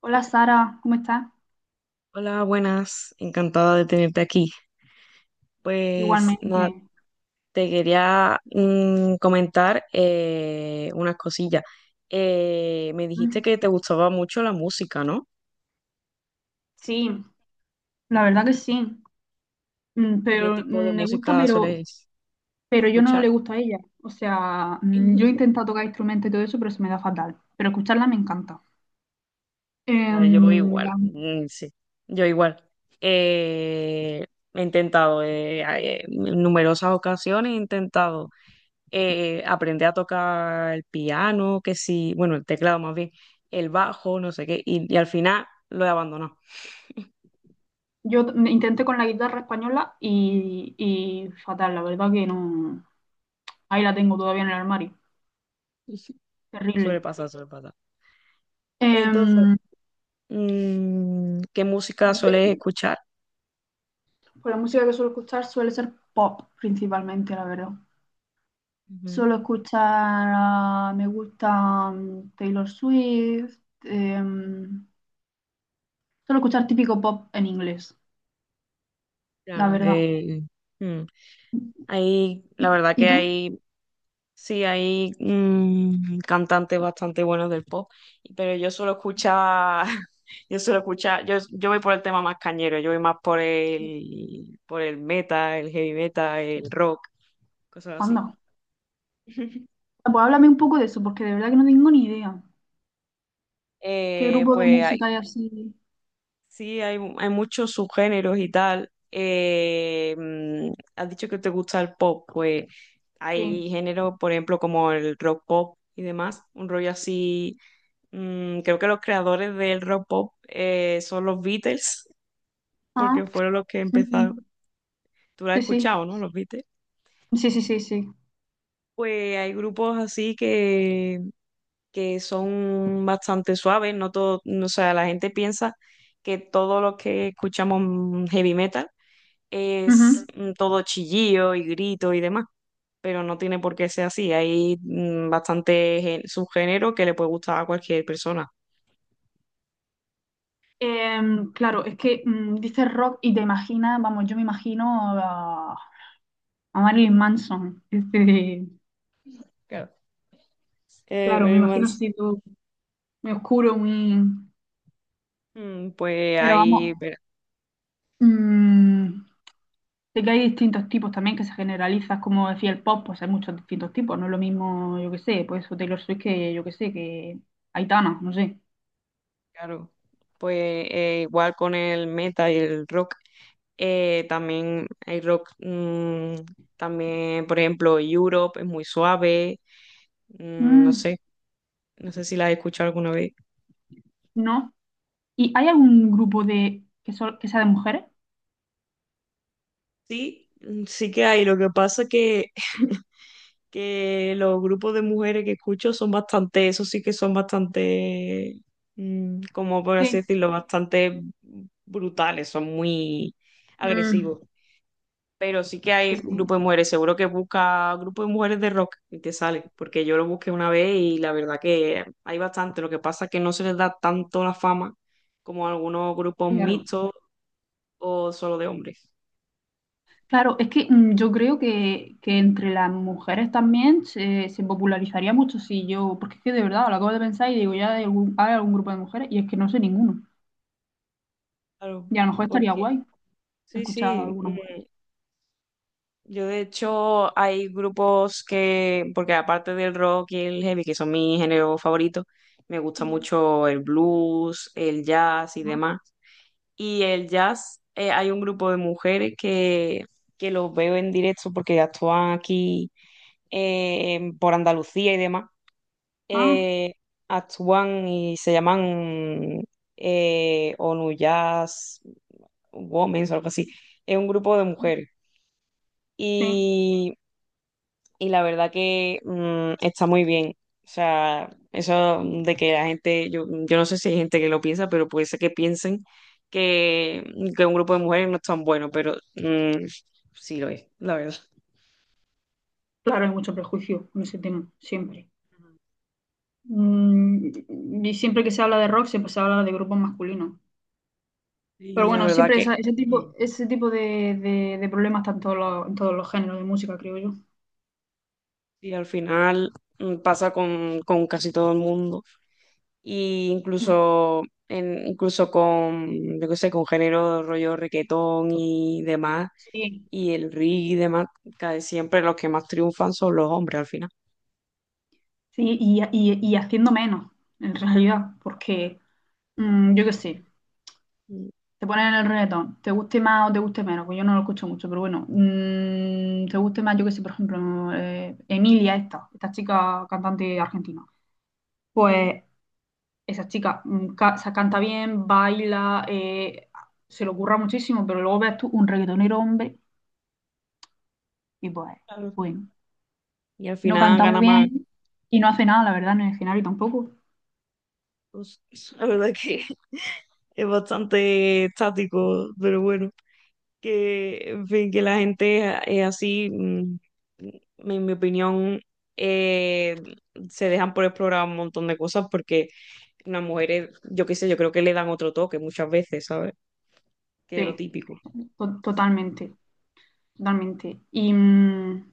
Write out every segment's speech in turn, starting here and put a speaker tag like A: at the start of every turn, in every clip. A: Hola Sara, ¿cómo estás?
B: Hola, buenas, encantada de tenerte aquí. Pues nada,
A: Igualmente.
B: te quería comentar unas cosillas. Me dijiste
A: Mm,
B: que te gustaba mucho la música, ¿no?
A: Sí, la verdad que sí.
B: ¿Y qué tipo de
A: Me gusta,
B: música sueles
A: pero yo no
B: escuchar?
A: le gusto a ella. O sea, yo he intentado tocar instrumentos y todo eso, pero se me da fatal. Pero escucharla me encanta.
B: Ya,
A: Em,
B: yo igual,
A: la-
B: sí, yo igual. Eh, He intentado, en numerosas ocasiones he intentado aprendí a tocar el piano, que sí, bueno, el teclado más bien, el bajo, no sé qué, y al final lo he abandonado.
A: Intenté con la guitarra española y fatal, la verdad que no. Ahí la tengo todavía en el armario.
B: Suele
A: Terrible.
B: pasar, suele pasar. Entonces,
A: Em,
B: ¿qué música sueles
A: de-
B: escuchar?
A: pues la música que suelo escuchar suele ser pop principalmente, la verdad.
B: Ujú.
A: Suelo escuchar, ah, me gusta Taylor Swift, em, suelo escuchar típico pop en inglés, la
B: Claro,
A: verdad.
B: mm, hay, la verdad
A: Y
B: que
A: tú?
B: hay, sí, hay cantantes bastante buenos del pop, pero yo suelo escuchar, yo suelo escuchar, yo voy por el tema más cañero, yo voy más por el metal, el heavy metal, el rock, cosas así.
A: Anda. Ah, pues háblame un poco de eso, porque de verdad que no tengo ni idea. ¿Qué grupo de
B: Pues hay,
A: música hay así?
B: sí, hay muchos subgéneros y tal. Has dicho que te gusta el pop, pues
A: Sí.
B: hay géneros, por ejemplo, como el rock pop y demás, un rollo así. Creo que los creadores del rock pop son los Beatles,
A: Ah,
B: porque fueron los que empezaron.
A: ujú.
B: Tú lo has
A: Sí, sí.
B: escuchado, ¿no? Los Beatles.
A: Sí, sí, sí, sí.
B: Pues hay grupos así que son bastante suaves, no todo, o sea, la gente piensa que todo lo que escuchamos, heavy metal, es
A: Ujú.
B: todo chillillo y grito y demás, pero no tiene por qué ser así, hay bastante subgénero que le puede gustar a cualquier persona.
A: Claro, es que dices rock y te imaginas, vamos, yo me imagino a, a Marilyn Manson. Este,
B: Claro.
A: claro, me
B: Mary
A: imagino
B: Manson.
A: así todo muy oscuro, muy...
B: Pues
A: Pero
B: ahí,
A: vamos,
B: pero,
A: mm, sé que hay distintos tipos también que se generalizan, como decía el pop, pues hay muchos distintos tipos, no es lo mismo, yo qué sé, pues eso Taylor Swift que, yo qué sé, que Aitana, no sé.
B: claro, pues igual con el metal y el rock, también hay rock, mm, también, por ejemplo, Europe es muy suave. No
A: Mm,
B: sé, no sé si la he escuchado alguna vez.
A: no. ¿Y hay algún grupo de que, sol- que sea de mujeres?
B: Sí, sí que hay. Lo que pasa que los grupos de mujeres que escucho son bastante, eso sí que son bastante, como por así
A: Sí.
B: decirlo, bastante brutales, son muy
A: Mm,
B: agresivos. Pero sí que hay
A: sí, sí,
B: grupos de mujeres, seguro que busca grupo de mujeres de rock y te sale, porque yo lo busqué una vez y la verdad que hay bastante. Lo que pasa que no se les da tanto la fama como a algunos grupos
A: claro.
B: mixtos o solo de hombres.
A: Claro, es que yo creo que entre las mujeres también se popularizaría mucho si yo, porque es que de verdad lo acabo de pensar y digo, ya hay algún grupo de mujeres y es que no sé ninguno.
B: Claro,
A: Y a lo mejor estaría
B: porque
A: guay
B: sí,
A: escuchar a
B: sí.
A: alguna mujer.
B: Yo de hecho hay grupos que, porque aparte del rock y el heavy, que son mis géneros favoritos, me gusta
A: Ujú.
B: mucho el blues, el jazz y
A: Ah,
B: demás. Y el jazz, hay un grupo de mujeres que los veo en directo porque actúan aquí por Andalucía y demás.
A: ah,
B: Eh, Actúan y se llaman ONU Jazz Women o algo así. Es un grupo de mujeres
A: sí.
B: y, y la verdad que está muy bien. O sea, eso de que la gente, yo no sé si hay gente que lo piensa, pero puede ser que piensen que, que un grupo de mujeres no es tan bueno, pero sí lo es, la verdad.
A: Claro, hay mucho prejuicio con ese tema, siempre. Mm, y siempre que se habla de rock, siempre se habla de grupos masculinos. Pero
B: Y la
A: bueno,
B: verdad
A: siempre
B: que mm,
A: ese tipo de, de problemas está en todos los géneros de música, creo yo.
B: y al final pasa con casi todo el mundo. Y
A: Mm.
B: incluso, incluso con, yo qué sé, con género rollo requetón y demás
A: Sí,
B: y el ring y demás, cae siempre los que más triunfan son los hombres al final.
A: sí, y, y haciendo menos, en realidad, porque yo qué sé,
B: Mm,
A: te ponen el reggaetón, te guste más o te guste menos, pues yo no lo escucho mucho, pero bueno, te guste más, yo qué sé, por ejemplo, Emilia, esta chica cantante argentina,
B: ujú,
A: pues esa chica se canta bien, baila, se le ocurra muchísimo, pero luego ves tú un reggaetonero hombre y pues,
B: claro.
A: bueno,
B: Y al
A: no
B: final
A: canta muy
B: gana más.
A: bien y no hace nada, la verdad, en el escenario tampoco.
B: Pues, la verdad es que es bastante estático, pero bueno, que en fin, que la gente es así, en mi opinión, eh, se dejan por explorar un montón de cosas porque las mujeres, yo qué sé, yo creo que le dan otro toque muchas veces, ¿sabes? Que lo
A: Sí,
B: típico.
A: totalmente. Totalmente. Y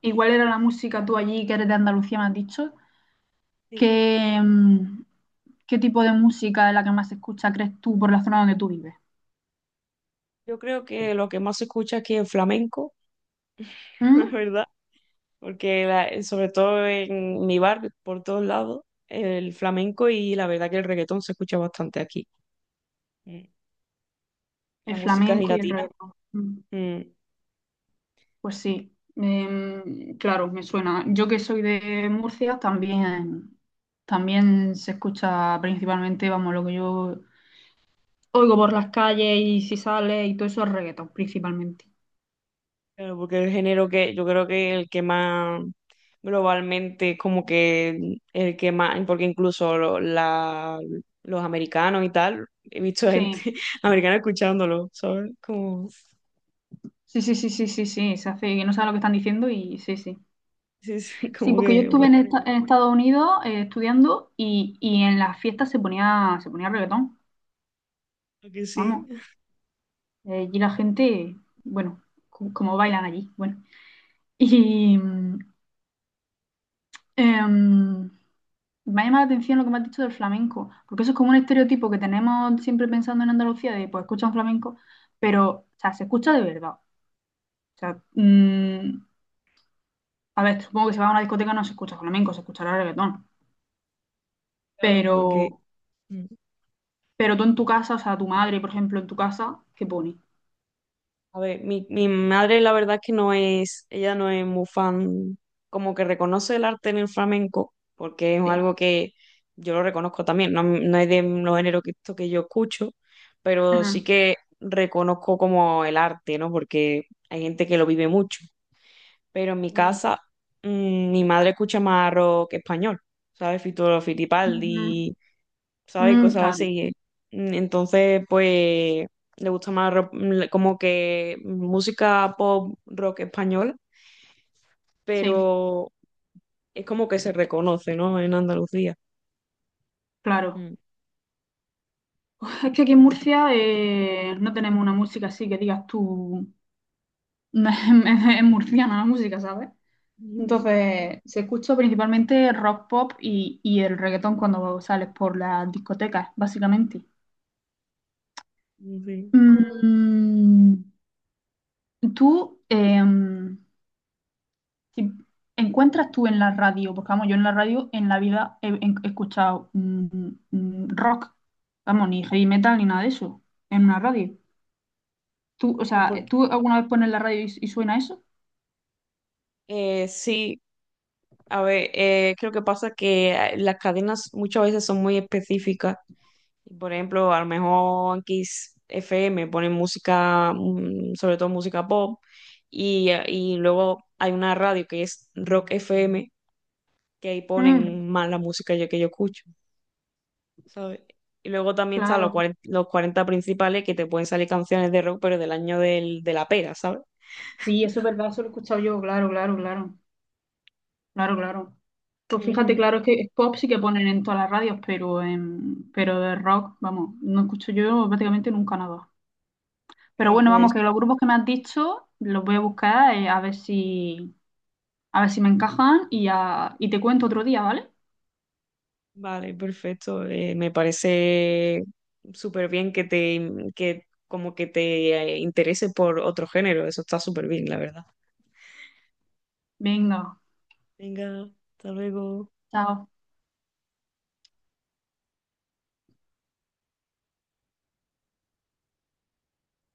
A: igual era la música tú allí, que eres de Andalucía, me has dicho.
B: Sí.
A: ¿Qué, qué tipo de música es la que más se escucha, crees tú, por la zona donde tú vives?
B: Yo creo que lo que más se escucha aquí es flamenco, la
A: ¿Mm?
B: verdad. Porque sobre todo en mi barrio, por todos lados, el flamenco y la verdad que el reggaetón se escucha bastante aquí. Mm. La
A: El
B: música
A: flamenco y el
B: gelatina,
A: reggaetón. Mm. Pues sí, claro, me suena. Yo que soy de Murcia, también, también se escucha principalmente, vamos, lo que yo oigo por las calles y si sale y todo eso es reggaetón, principalmente.
B: pero porque es el género que yo creo que el que más globalmente, como que el que más, porque incluso los americanos y tal, he visto gente
A: Sí,
B: americana escuchándolo, ¿sabes? Como,
A: sí, sí, sí, sí, sí, sí, se hace que no saben lo que están diciendo y sí, sí.
B: sí, sí,
A: Sí,
B: como
A: porque yo
B: que,
A: estuve
B: bueno,
A: en, en Estados Unidos estudiando y en las fiestas se ponía reggaetón,
B: que sí,
A: vamos. Allí la gente, bueno, como bailan allí, bueno. Y em, me ha llamado la atención lo que me has dicho del flamenco, porque eso es como un estereotipo que tenemos siempre pensando en Andalucía de, pues, escuchan flamenco, pero, o sea, se escucha de verdad. O sea, a ver, supongo que si vas a una discoteca no se escucha flamenco, se escuchará reggaetón.
B: claro,
A: Pero,
B: porque... mm.
A: pero tú en tu casa, o sea, tu madre, por ejemplo, en tu casa, ¿qué pone?
B: A ver, mi madre la verdad es que no es, ella no es muy fan, como que reconoce el arte en el flamenco, porque es
A: Sí.
B: algo que yo lo reconozco también, no, no es de los géneros que, esto que yo escucho, pero sí
A: Ajá.
B: que reconozco como el arte, ¿no? Porque hay gente que lo vive mucho, pero en mi
A: Mm,
B: casa mi madre escucha más rock español, ¿sabes? Fito
A: ujú.
B: Fitipaldi, ¿sabes?
A: Mm,
B: Cosas
A: claro,
B: así. Entonces, pues, le gusta más como que música pop, rock español,
A: sí,
B: pero es como que se reconoce, ¿no? En Andalucía.
A: claro.
B: Mm.
A: Es que aquí en Murcia no tenemos una música así que digas tú, es murciana la música, ¿sabes?
B: Mm,
A: Entonces, se escucha principalmente rock pop y el reggaetón cuando sales por las discotecas, básicamente.
B: sí.
A: Mm, Tú, si encuentras tú en la radio, porque vamos, yo en la radio en la vida he, he escuchado rock, vamos, ni heavy metal ni nada de eso, en una radio. ¿Tú, o sea,
B: Porque,
A: tú alguna vez pones la radio y suena eso?
B: sí, a ver, creo que pasa que las cadenas muchas veces son muy específicas. Y por ejemplo, a lo mejor en Kiss FM ponen música, sobre todo música pop, y luego hay una radio que es Rock FM, que ahí
A: Mm,
B: ponen más la música que yo escucho, ¿sabes? Y luego también están los
A: claro,
B: cuarenta Los 40 Principales, que te pueden salir canciones de rock, pero del año del, de la pera, ¿sabes?
A: sí, eso es verdad, eso lo he escuchado yo, claro, claro, claro, claro, claro. Pues fíjate,
B: Ujú.
A: claro, es que es pop sí que ponen en todas las radios, pero, en, pero de rock, vamos, no escucho yo prácticamente nunca nada. Pero
B: Pero
A: bueno,
B: pues,
A: vamos, que los grupos que me has dicho los voy a buscar a ver si me encajan y, y te cuento otro día, ¿vale?
B: vale, perfecto. Me parece súper bien que te, que como que te interese por otro género. Eso está súper bien, la verdad.
A: Venga,
B: Venga, hasta luego.
A: chao.